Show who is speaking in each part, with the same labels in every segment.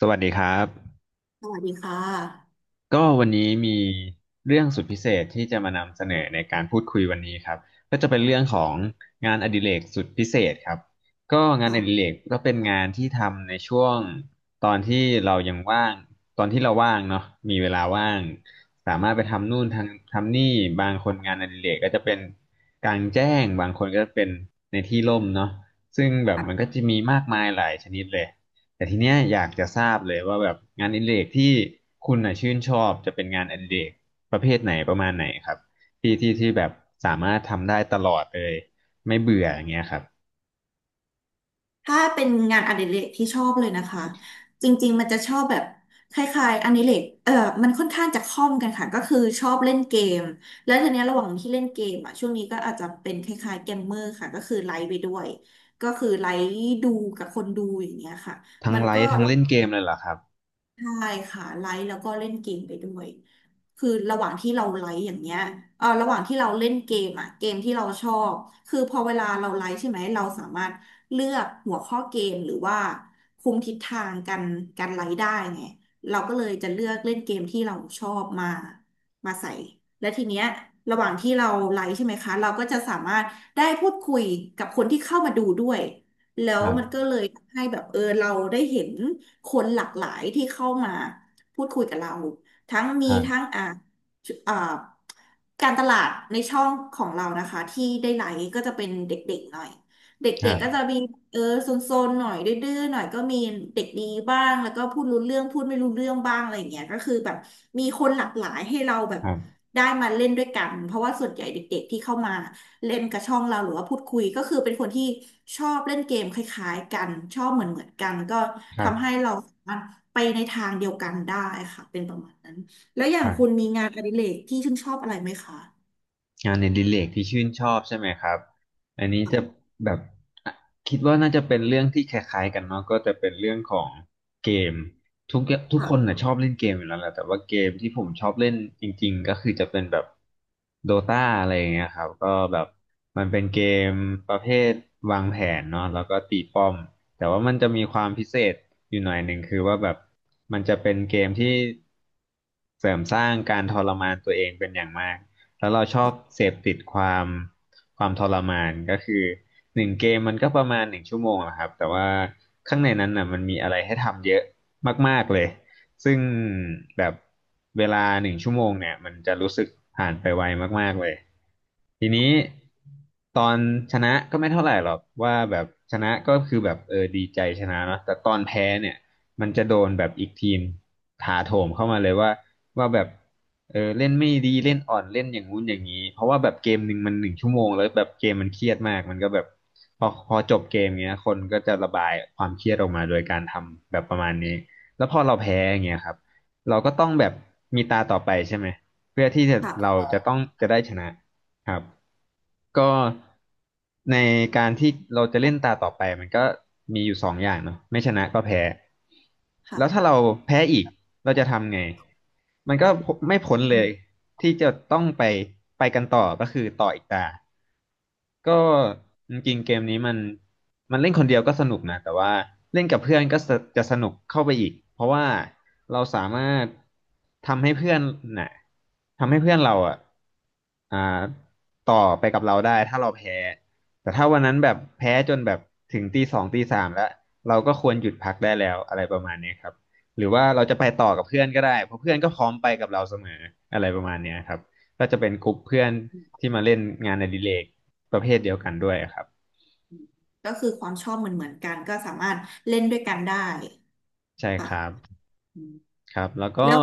Speaker 1: สวัสดีครับ
Speaker 2: สวัสดีค่ะ
Speaker 1: ก็วันนี้มีเรื่องสุดพิเศษที่จะมานำเสนอในการพูดคุยวันนี้ครับก็จะเป็นเรื่องของงานอดิเรกสุดพิเศษครับก็งานอ
Speaker 2: ค่ะ
Speaker 1: ดิเรกก็เป็นงานที่ทำในช่วงตอนที่เรายังว่างตอนที่เราว่างเนาะมีเวลาว่างสามารถไปทำนู่นทำนี่บางคนงานอดิเรกก็จะเป็นกลางแจ้งบางคนก็เป็นในที่ร่มเนาะซึ่งแบบมันก็จะมีมากมายหลายชนิดเลย แต่ทีเนี้ยอยากจะทราบเลยว่าแบบงานอดิเรกที่คุณน่ะชื่นชอบจะเป็นงานอดิเรกประเภทไหนประมาณไหนครับที่แบบสามารถทำได้ตลอดเลยไม่เบื่ออย่างเงี้ยครับ
Speaker 2: ถ้าเป็นงานอดิเรกที่ชอบเลยนะคะ จริงๆมันจะชอบแบบคล้ายๆอดิเรกมันค่อนข้างจะคล่อมกันค่ะ ก็คือชอบเล่นเกม แล้วทีเนี้ยระหว่างที่เล่นเกมอ่ะ ช่วงนี้ก็อาจจะเป็นคล้ายๆเกมเมอร์ค่ะ ก็คือไลฟ์ไปด้วย ก็คือไลฟ์ดูกับคนดูอย่างเงี้ยค่ะ
Speaker 1: ทั้ง
Speaker 2: มัน
Speaker 1: ไล
Speaker 2: ก็
Speaker 1: ฟ์ทั้งเล่นเกมเลยเหรอครับ
Speaker 2: ใช่ค่ะไลฟ์แล้วก็เล่นเกมไปด้วยคือระหว่างที่เราไลฟ์อย่างเงี้ยระหว่างที่เราเล่นเกมอ่ะเกมที่เราชอบคือพอเวลาเราไลฟ์ใช่ไหมเราสามารถเลือกหัวข้อเกมหรือว่าคุมทิศทางการไลฟ์ได้ไงเราก็เลยจะเลือกเล่นเกมที่เราชอบมามาใส่และทีเนี้ยระหว่างที่เราไลฟ์ใช่ไหมคะเราก็จะสามารถได้พูดคุยกับคนที่เข้ามาดูด้วย แล้ว
Speaker 1: ครั
Speaker 2: มันก็
Speaker 1: บ
Speaker 2: เลยทำให้แบบเราได้เห็นคนหลากหลายที่เข้ามาพูดคุยกับเราทั้งมี
Speaker 1: ครั
Speaker 2: ทั้ง
Speaker 1: บ
Speaker 2: อ่าการตลาดในช่องของเรานะคะที่ได้ไลค์ก็จะเป็นเด็กๆหน่อยเด
Speaker 1: ค
Speaker 2: ็
Speaker 1: รั
Speaker 2: กๆก็จะ
Speaker 1: บ
Speaker 2: มีโซนๆหน่อยดื้อๆหน่อยก็มีเด็กดีบ้างแล้วก็พูดรู้เรื่องพูดไม่รู้เรื่องบ้างอะไรอย่างเงี้ยก็คือแบบมีคนหลากหลายให้เราแบบ
Speaker 1: ครับ
Speaker 2: ได้มาเล่นด้วยกันเพราะว่าส่วนใหญ่เด็กๆที่เข้ามา เล่นกับช่องเราหรือว่าพูดคุยก็คือเป็นคนที่ชอบเล่นเกมคล้ายๆกันชอบเหมือนกันก็
Speaker 1: ครั
Speaker 2: ทำให้
Speaker 1: บ
Speaker 2: เราสามารถไปในทางเดียวกันได้ค่ะเป็นประมาณนั้นแล้วอย่า
Speaker 1: ค
Speaker 2: ง
Speaker 1: รั
Speaker 2: คุณ
Speaker 1: บ
Speaker 2: มีงานอดิเรกที่ชื่นชอบอะไรไหมคะ
Speaker 1: งานในดิเลกที่ชื่นชอบใช่ไหมครับอันนี้จะแบบอ่ะคิดว่าน่าจะเป็นเรื่องที่คล้ายๆกันเนาะก็จะเป็นเรื่องของเกมทุกทุกคน
Speaker 2: ค่ะ
Speaker 1: น่ะชอบเล่นเกมอยู่แล้วแหละแต่ว่าเกมที่ผมชอบเล่นจริงๆก็คือจะเป็นแบบโดตาอะไรอย่างเงี้ยครับก็แบบมันเป็นเกมประเภทวางแผนเนาะแล้วก็ตีป้อมแต่ว่ามันจะมีความพิเศษอยู่หน่อยหนึ่งคือว่าแบบมันจะเป็นเกมที่เสริมสร้างการทรมานตัวเองเป็นอย่างมาก แล้วเราชอบเสพติดความทรมานก็คือหนึ่งเกมมันก็ประมาณหนึ่งชั่วโมงอะครับแต่ว่าข้างในนั้นน่ะมันมีอะไรให้ทำเยอะมากๆเลยซึ่งแบบเวลาหนึ่งชั่วโมงเนี่ยมันจะรู้สึกผ่านไปไวมากๆเลยทีนี้ตอนชนะก็ไม่เท่าไหร่หรอกว่าแบบชนะก็คือแบบเออดีใจชนะเนาะแต่ตอนแพ้เนี่ยมันจะโดนแบบอีกทีมถาโถมเข้ามาเลยว่าแบบ เออเล่นไม่ดีเล่นอ่อนเล่นอย่างงู้นอย่างนี้เพราะว่าแบบเกมหนึ่งมันหนึ่งชั่วโมงแล้วแบบเกมมันเครียดมากมันก็แบบพอจบเกมเงี้ยคนก็จะระบายความเครียดออกมาโดยการทำแบบประมาณนี้แล้วพอเราแพ้อย่างเงี้ยครับเราก็ต้องแบบมีตาต่อไปใช่ไหมเพื่อที่จะ
Speaker 2: ค่
Speaker 1: เรา
Speaker 2: ะ
Speaker 1: จะต้องจะได้ชนะ ครับก็ในการที่เราจะเล่นตาต่อไปมันก็มีอยู่สองอย่างเนาะไม่ชนะก็แพ้แล้วถ้า
Speaker 2: ค่ะ
Speaker 1: เราแพ้อีกเราจะทำไงมันก็ไม่พ้นเลยที่จะต้องไปกันต่อก็คือต่ออีกตา ก็จริงๆเกมนี้มันเล่นคนเดียวก็สนุกนะแต่ว่าเล่นกับเพื่อนก็สจะสนุกเข้าไปอีกเพราะว่าเราสามารถทำให้เพื่อนน่ะทำให้เพื่อนเราอ่ะอ่าต่อไปกับเราได้ถ้าเราแพ้แต่ถ้าวันนั้นแบบแพ้จนแบบถึงตีสองตีสามแล้วเราก็ควรหยุดพักได้แล้วอะไรประมาณเนี้ยครับหรือว่าเราจะไปต่อกับเพื่อนก็ได้เพราะเพื่อนก็พร้อมไปกับเราเสมออะไรประมาณเนี้ยครับก็จะเป็นกลุ่มเพื่อนที่มาเล่นงานอดิเรก ประเภทเดียวกันด้วยครับ
Speaker 2: ก็คือความชอบเหมือนกันก็สามารถเล่นด้วยกันได้
Speaker 1: ใช่ค
Speaker 2: ค่ะ
Speaker 1: รับ
Speaker 2: อืม
Speaker 1: ครับแล้วก็
Speaker 2: แล้ว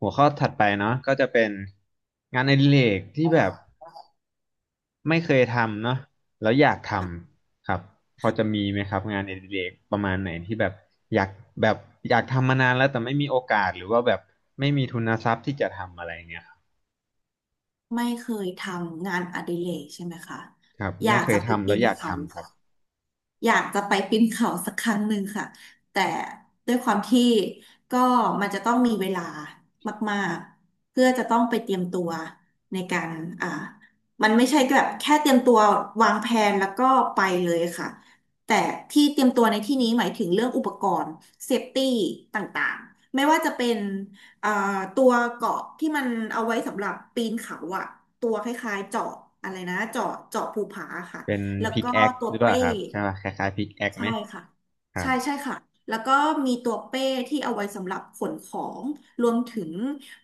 Speaker 1: หัวข้อถัดไปเนาะก็จะเป็นงานอดิเรกที่แบบไม่เคยทำเนาะแล้วอยากท
Speaker 2: ค่ะ
Speaker 1: ำครับพอจะ
Speaker 2: ค่ะ
Speaker 1: มีไหมครับงานอดิเรกประมาณไหนที่แบบอยากแบบอยากทำมานานแล้วแต่ไม่มีโอกาสหรือว่าแบบไม่มีทุนทรัพย์ที่จะทำอะไรเงี้ยครับ
Speaker 2: ไม่เคยทำงานอดิเรกใช่ไหมคะ
Speaker 1: ครับ
Speaker 2: อยา
Speaker 1: ไม่
Speaker 2: ก
Speaker 1: เค
Speaker 2: จะ
Speaker 1: ย
Speaker 2: ไป
Speaker 1: ทำ
Speaker 2: ปี
Speaker 1: แล้ว
Speaker 2: น
Speaker 1: อยาก
Speaker 2: เขา
Speaker 1: ทำครับ
Speaker 2: อยากจะไปปีนเขาสักครั้งหนึ่งค่ะแต่ด้วยความที่ก็มันจะต้องมีเวลามากๆเพื่อจะต้องไปเตรียมตัวในการอ่ามันไม่ใช่แบบแค่เตรียมตัววางแผนแล้วก็ไปเลยค่ะแต่ที่เตรียมตัวในที่นี้หมายถึงเรื่องอุปกรณ์เซฟตี้ต่างๆ ไม่ว่าจะเป็นเอ่อตัวเกราะที่มันเอาไว้สำหรับปีนเขาอะตัวคล้ายๆเจาะอะไรนะเจาะภูผาค่ะ
Speaker 1: เป็น
Speaker 2: แล้ว
Speaker 1: พิก
Speaker 2: ก็
Speaker 1: แอค
Speaker 2: ตัว
Speaker 1: หรือเปล่า
Speaker 2: เป้
Speaker 1: ครับใช่ป่ะคล้ายๆพิกแอคไห
Speaker 2: ใช่
Speaker 1: ม
Speaker 2: ค่ะ
Speaker 1: ครั
Speaker 2: ใช่
Speaker 1: บ
Speaker 2: ใช่ค่ะแล้วก็มีตัวเป้ที่เอาไว้สำหรับขนของรวมถึง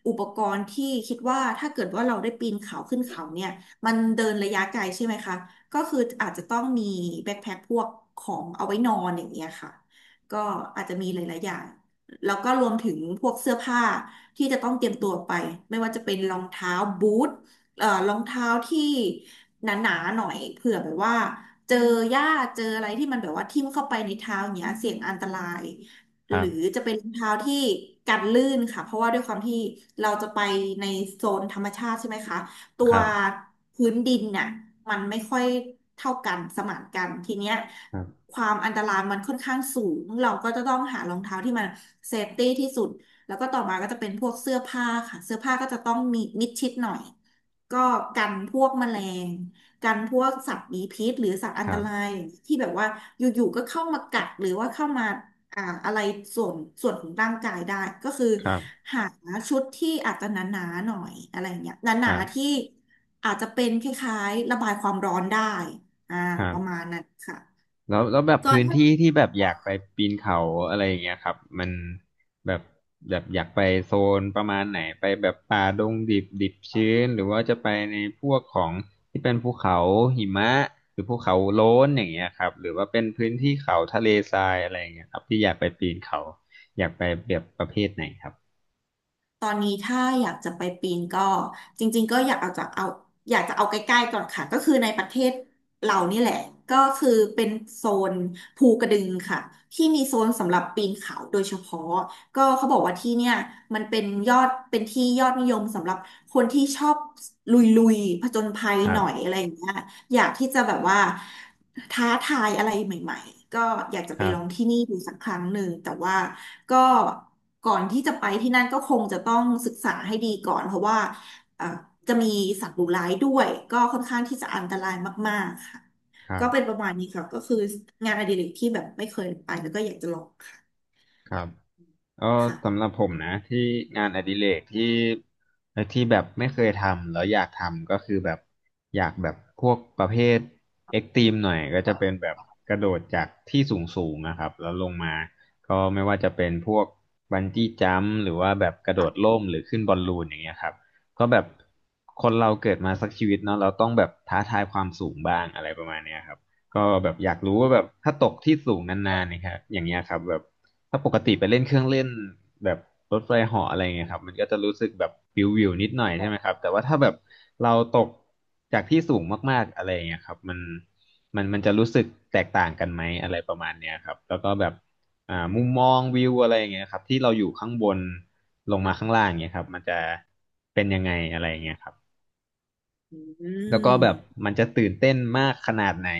Speaker 2: อุปกรณ์ที่คิดว่าถ้าเกิดว่าเราได้ปีนเขาขึ้นเขาเนี่ยมันเดินระยะไกลใช่ไหมคะก็คืออาจจะต้องมีแบ็คแพ็คพวกของเอาไว้นอนอย่างเงี้ยค่ะก็อาจจะมีหลายๆอย่างแล้วก็รวมถึงพวกเสื้อผ้าที่จะต้องเตรียมตัวไปไม่ว่าจะเป็นรองเท้าบูทรองเท้าที่หนาๆหน่อยเผื่อแบบว่า เจอหญ้าเจออะไรที่มันแบบว่าทิ่มเข้าไปในเท้าอย่างเงี้ยเสี่ยงอันตราย
Speaker 1: ค
Speaker 2: ห
Speaker 1: รั
Speaker 2: รือ
Speaker 1: บ
Speaker 2: จะเป็นรองเท้าที่กันลื่นค่ะเพราะว่าด้วยความที่เราจะไปในโซนธรรมชาติใช่ไหมคะตั
Speaker 1: ค
Speaker 2: ว
Speaker 1: รับ
Speaker 2: พื้นดินน่ะมันไม่ค่อยเท่ากันสมานกันทีเนี้ย
Speaker 1: ครับ
Speaker 2: ความอันตรายมันค่อนข้างสูงเราก็จะต้องหารองเท้าที่มันเซฟตี้ที่สุดแล้วก็ต่อมาก็จะเป็นพวกเสื้อผ้าค่ะเสื้อผ้าก็จะต้องมีมิดชิดหน่อยก็กันพวกแมลง กันพวกสัตว์มีพิษหรือสัตว์อั
Speaker 1: ค
Speaker 2: นต
Speaker 1: รับ
Speaker 2: รายอย่างที่แบบว่าอยู่ๆก็เข้ามากัดหรือว่าเข้ามาอะไรส่วนส่วนของร่างกายได้ก็คือ
Speaker 1: ครับ
Speaker 2: หาชุดที่อาจจะหนาๆหน่อยอะไรอย่างเงี้ยห
Speaker 1: ค
Speaker 2: นา
Speaker 1: รั
Speaker 2: ๆที่
Speaker 1: บ
Speaker 2: อาจจะเป็นคล้ายๆระบายความร้อนได้อ่า
Speaker 1: ครั
Speaker 2: ประมา
Speaker 1: บ
Speaker 2: ณนั้นค่
Speaker 1: แล้วแบบพื้น
Speaker 2: ะ
Speaker 1: ที่ที่แบบอยากไปปีนเขาอะไรอย่างเงี้ยครับมันแบบแบบอยากไปโซนประมาณไหนไปแบบป่าดงดิบดิบชื้นหรือว่าจะไปในพวกของที่เป็นภูเขาหิมะหรือภูเขาโล้นอย่างเงี้ยครับหรือว่าเป็นพื้นที่เขาทะเลทรายอะไรอย่างเงี้ยครับที่อยากไปปีนเขาอยากไปแบบประเภทไหนครับ
Speaker 2: ตอนนี้ถ้าอยากจะไปปีนก็จริงๆก็อยากเอาจากเอาอยากจะเอาใกล้ๆก่อนค่ะก็คือในประเทศเรานี่แหละก็คือเป็นโซนภูกระดึงค่ะที่มีโซนสำหรับปีนเขาโดยเฉพาะ ก็เขาบอกว่าที่เนี่ยมันเป็นยอดเป็นที่ยอดนิยมสำหรับคนที่ชอบลุยผจญภัย
Speaker 1: ครั
Speaker 2: ห
Speaker 1: บ
Speaker 2: น่อยอะไรอย่างเงี้ยอยากที่จะแบบว่าท้าทายอะไรใหม่ๆก็อยากจะ
Speaker 1: ค
Speaker 2: ไป
Speaker 1: รั
Speaker 2: ลอง
Speaker 1: บ
Speaker 2: ที่นี่ดูสักครั้งหนึ่งแต่ว่าก็ก่อนที่จะไปที่นั่นก็คงจะต้องศึกษาให้ดีก่อนเพราะว่าเอ่อจะมีสัตว์ดุร้ายด้วยก็ค่อนข้างที่จะอันตรายมากๆค่ะ
Speaker 1: ครั
Speaker 2: ก็
Speaker 1: บ
Speaker 2: เป็นประมาณนี้ค่ะก็คืองานอดิเรกที่แบบไม่เคยไปแล้วก็อยากจะลอง
Speaker 1: ครับ ก็สำห
Speaker 2: ค่ะ
Speaker 1: รับผมนะที่งานอดิเรกที่แบบไม่เคยทำแล้วอยากทำก็คือแบบอยากแบบพวกประเภทเอ็กตรีมหน่อยก็จะเป็นแบบกระโดดจากที่สูงสูงนะครับแล้วลงมาก็ไม่ว่าจะเป็นพวกบันจี้จัมพ์หรือว่าแบบกระโดด
Speaker 2: ค่ะ
Speaker 1: ร่มหรือขึ้นบอลลูนอย่างเงี้ยครับก็แบบคนเราเกิดมาสักชีวิตเนาะเราต้องแบบท้าทายความสูงบ้างอะไรประมาณเนี้ยครับก็แบบอยากรู้ว่าแบบถ้าตกที่สูงนานๆเนะครับอย่างเงี้ยครับแบบ ถ้าปกติไปเล่นเครื่องเล่นแบบรถไฟเหาะอะไรเงี้ยครับมันก็จะรู้สึกแบบวิววิวนิดหน่อยใช่ไหมครับแต่ว่าถ้าแบบเราตกจากที่สูงมากๆอะไรเงี้ยครับมันมันจะรู้สึกแตกต่างกันไหมอะไรประมาณเนี้ยครับแล้วก็แบบมุมมองวิวอะไรเงี้ยครับที่เราอยู่ข้างบนลงมาข้าง
Speaker 2: ค่ะ
Speaker 1: ล่างเงี้ยครับมันจะเป็นยังไงอะไรเงี้ยครับ
Speaker 2: อื
Speaker 1: แล้วก็แบบ
Speaker 2: ม
Speaker 1: มันจะตื่นเต้นมากขนาดไหน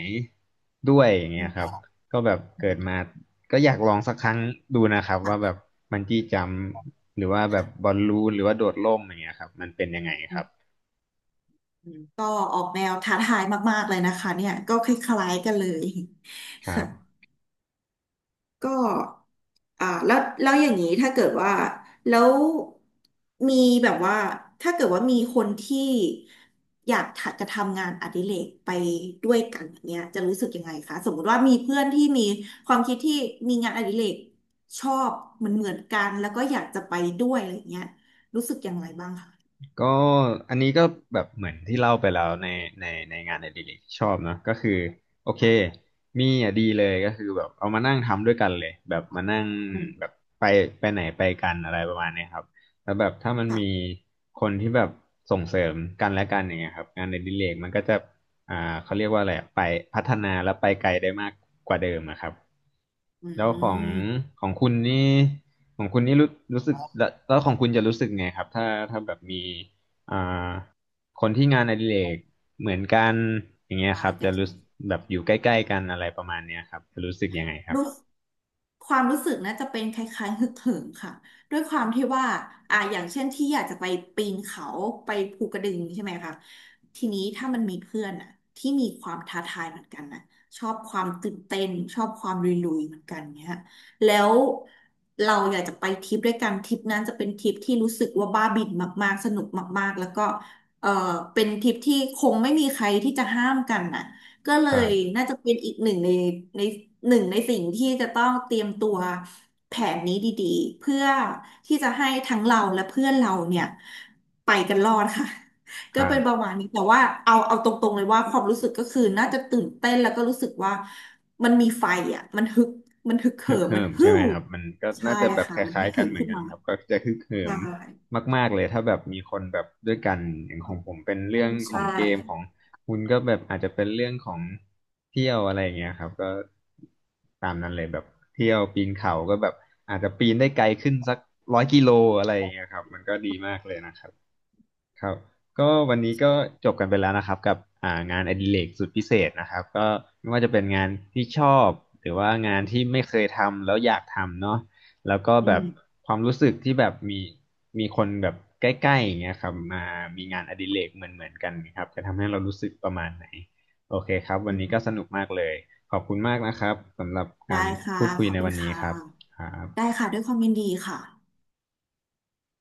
Speaker 1: ด้วยอย่าง
Speaker 2: อื
Speaker 1: เงี้ย
Speaker 2: ม
Speaker 1: ครับ
Speaker 2: ค่ะ
Speaker 1: ก็แบบเกิดมาก็อยากลองสักครั้งดูนะครับว่าแบบบันจี้จัมพ์หรือว่าแบบบอ
Speaker 2: ค่ะ
Speaker 1: ลลูนหรือว่าโดดร่มอย่างเงี้ยครับมันเป็นยังไง
Speaker 2: อื
Speaker 1: ครั
Speaker 2: ม
Speaker 1: บ
Speaker 2: อืมก็ออกแนวท้าทายมากๆเลยนะคะเนี่ยก็คล้ายๆกันเลย
Speaker 1: ค รั
Speaker 2: ค่ะ
Speaker 1: บ
Speaker 2: ก็แล้วแล้วอย่างนี้ถ้าเกิดว่าแล้วมีแบบว่าถ้าเกิดว่ามีคนที่อยากทะจะทำงานอดิเรกไปด้วยกันอย่างเนี้ยจะรู้สึกยังไงคะสมมติว่ามีเพื่อนที่มีความคิดที่มีงานอดิเรกชอบเหมือนกันแล้วก็อยากจะไปด้วยอะไรอย่างเงี้ยรู้สึกอย่างไรบ้างคะ
Speaker 1: ก็อันนี้ก็แบบเหมือนที่เล่าไปแล้วในในงานในดิเรกที่ชอบเนอะก็คือโอเคมีอ่ะดีเลยก็คือแบบเอามานั่งทำด้วยกันเลยแบบมานั่ง
Speaker 2: อื
Speaker 1: แบบ
Speaker 2: ม
Speaker 1: ไปไปไหนไปกันอะไรประมาณเนี้ยครับแล้วแบบถ้ามันมี
Speaker 2: ค่ะ
Speaker 1: คนที่แบบส่งเสริมกันและกันอย่างเงี้ยครับงานในดิเรกมันก็จะอ่าเขาเรียกว่าอะไรอะไปพัฒนาและไปไกลได้มากกว่าเดิมอะครับ
Speaker 2: อื
Speaker 1: แล้วของ
Speaker 2: ม
Speaker 1: ของคุณนี่ ของคุณนี่รู้สึกแล้วแล้วของคุณจะรู้สึกไงครับถ้าแบบมีอ่าคนที่งานอดิเรกเหมือนกันอย่างเงี้ยค
Speaker 2: ตา
Speaker 1: รั
Speaker 2: ย
Speaker 1: บ
Speaker 2: แต่
Speaker 1: จะรู้สึกแบบอยู่ใกล้ๆกันอะไรประมาณเนี้ยครับจะรู้สึกยังไงครับ
Speaker 2: รู้ความรู้สึกนะจะเป็นคล้ายๆฮึกเหิมค่ะด้วยความที่ว่าอย่างเช่นที่อยากจะไปปีนเขาไปภูกระดึงใช่ไหมคะทีนี้ถ้ามันมีเพื่อนอ่ะที่มีความท้าทายเหมือนกันนะชอบความตื่นเต้นชอบความลุยๆเหมือนกันเนี่ยแล้วเราอยากจะไปทริปด้วยกันทริปนั้นจะเป็นทริปที่รู้สึกว่าบ้าบิ่นมากๆสนุกมากๆแล้วก็เออเป็นทริปที่คงไม่มีใครที่จะห้ามกันน่ะ ก็เล
Speaker 1: ครั
Speaker 2: ย
Speaker 1: บ
Speaker 2: น่าจะเป็นอีกหนึ่งในในหนึ่งในสิ่งที่จะต้องเตรียมตัวแผนนี้ดีๆเพื่อที่จะให้ทั้งเราและเพื่อนเราเนี่ยไปกันรอดค่ะ
Speaker 1: ค
Speaker 2: ก็
Speaker 1: รั
Speaker 2: เป็
Speaker 1: บ
Speaker 2: นประมาณนี้แต่ว่าเอาเอาตรงๆเลยว่าความรู้สึกก็คือน่าจะตื่นเต้นแล้วก็รู้สึกว่ามันมีไฟอ่ะมันฮึกมันฮึกเหิ
Speaker 1: ฮึก
Speaker 2: มมั
Speaker 1: เหิ
Speaker 2: น
Speaker 1: ม
Speaker 2: ฮึ่
Speaker 1: ใช่ไหม
Speaker 2: ว
Speaker 1: ครับมันก็
Speaker 2: ใช่
Speaker 1: น่าจะแบบ
Speaker 2: ค่ะ
Speaker 1: ค
Speaker 2: มัน
Speaker 1: ล้า
Speaker 2: ฮึ
Speaker 1: ย
Speaker 2: ก
Speaker 1: ๆกั
Speaker 2: เหิ
Speaker 1: น
Speaker 2: ม
Speaker 1: เหมือน
Speaker 2: ขึ้น
Speaker 1: กัน
Speaker 2: มา
Speaker 1: ครับก็จะฮึกเหิ
Speaker 2: ใช่
Speaker 1: มมากๆเลยถ้าแบบมีคนแบบด้วยกันอย่างของผมเป็นเรื่องข
Speaker 2: ใช่
Speaker 1: องเกมของคุณก็แบบอาจจะเป็นเรื่องของเที่ยวอะไรอย่างเงี้ยครับก็ตามนั้นเลยแบบเที่ยวปีนเขาก็แบบอาจจะปีนได้ไกลขึ้นสัก100 กิโลอะไรอย่างเงี้ยครับมันก็ดีมากเลยนะครับ ครับก็วันนี้ก็จบกันไปแล้วนะครับกับงานอดิเรกสุดพิเศษนะครับก็ไม่ว่าจะเป็นงานที่ชอบหรือว่างานที่ไม่เคยทำแล้วอยากทำเนาะแล้วก็
Speaker 2: อื
Speaker 1: แบบ
Speaker 2: ม
Speaker 1: ความรู้สึกที่แบบมีคนแบบใกล้ๆอย่างเงี้ยครับมามีงานอดิเรกเหมือนเหมือนกันครับจะทำให้เรารู้สึกประมาณไหนโอเคครับวัน
Speaker 2: อื
Speaker 1: นี้ก็
Speaker 2: ม
Speaker 1: สนุกมากเลยขอบคุณมากนะครับสำหรับ
Speaker 2: ได้
Speaker 1: การ
Speaker 2: ค่ะ
Speaker 1: พูดคุ
Speaker 2: ข
Speaker 1: ย
Speaker 2: อบ
Speaker 1: ใน
Speaker 2: คุ
Speaker 1: วั
Speaker 2: ณ
Speaker 1: นนี้
Speaker 2: ค่ะ
Speaker 1: ครับครับ
Speaker 2: ได้ค่ะด้วยความยินดีค่ะ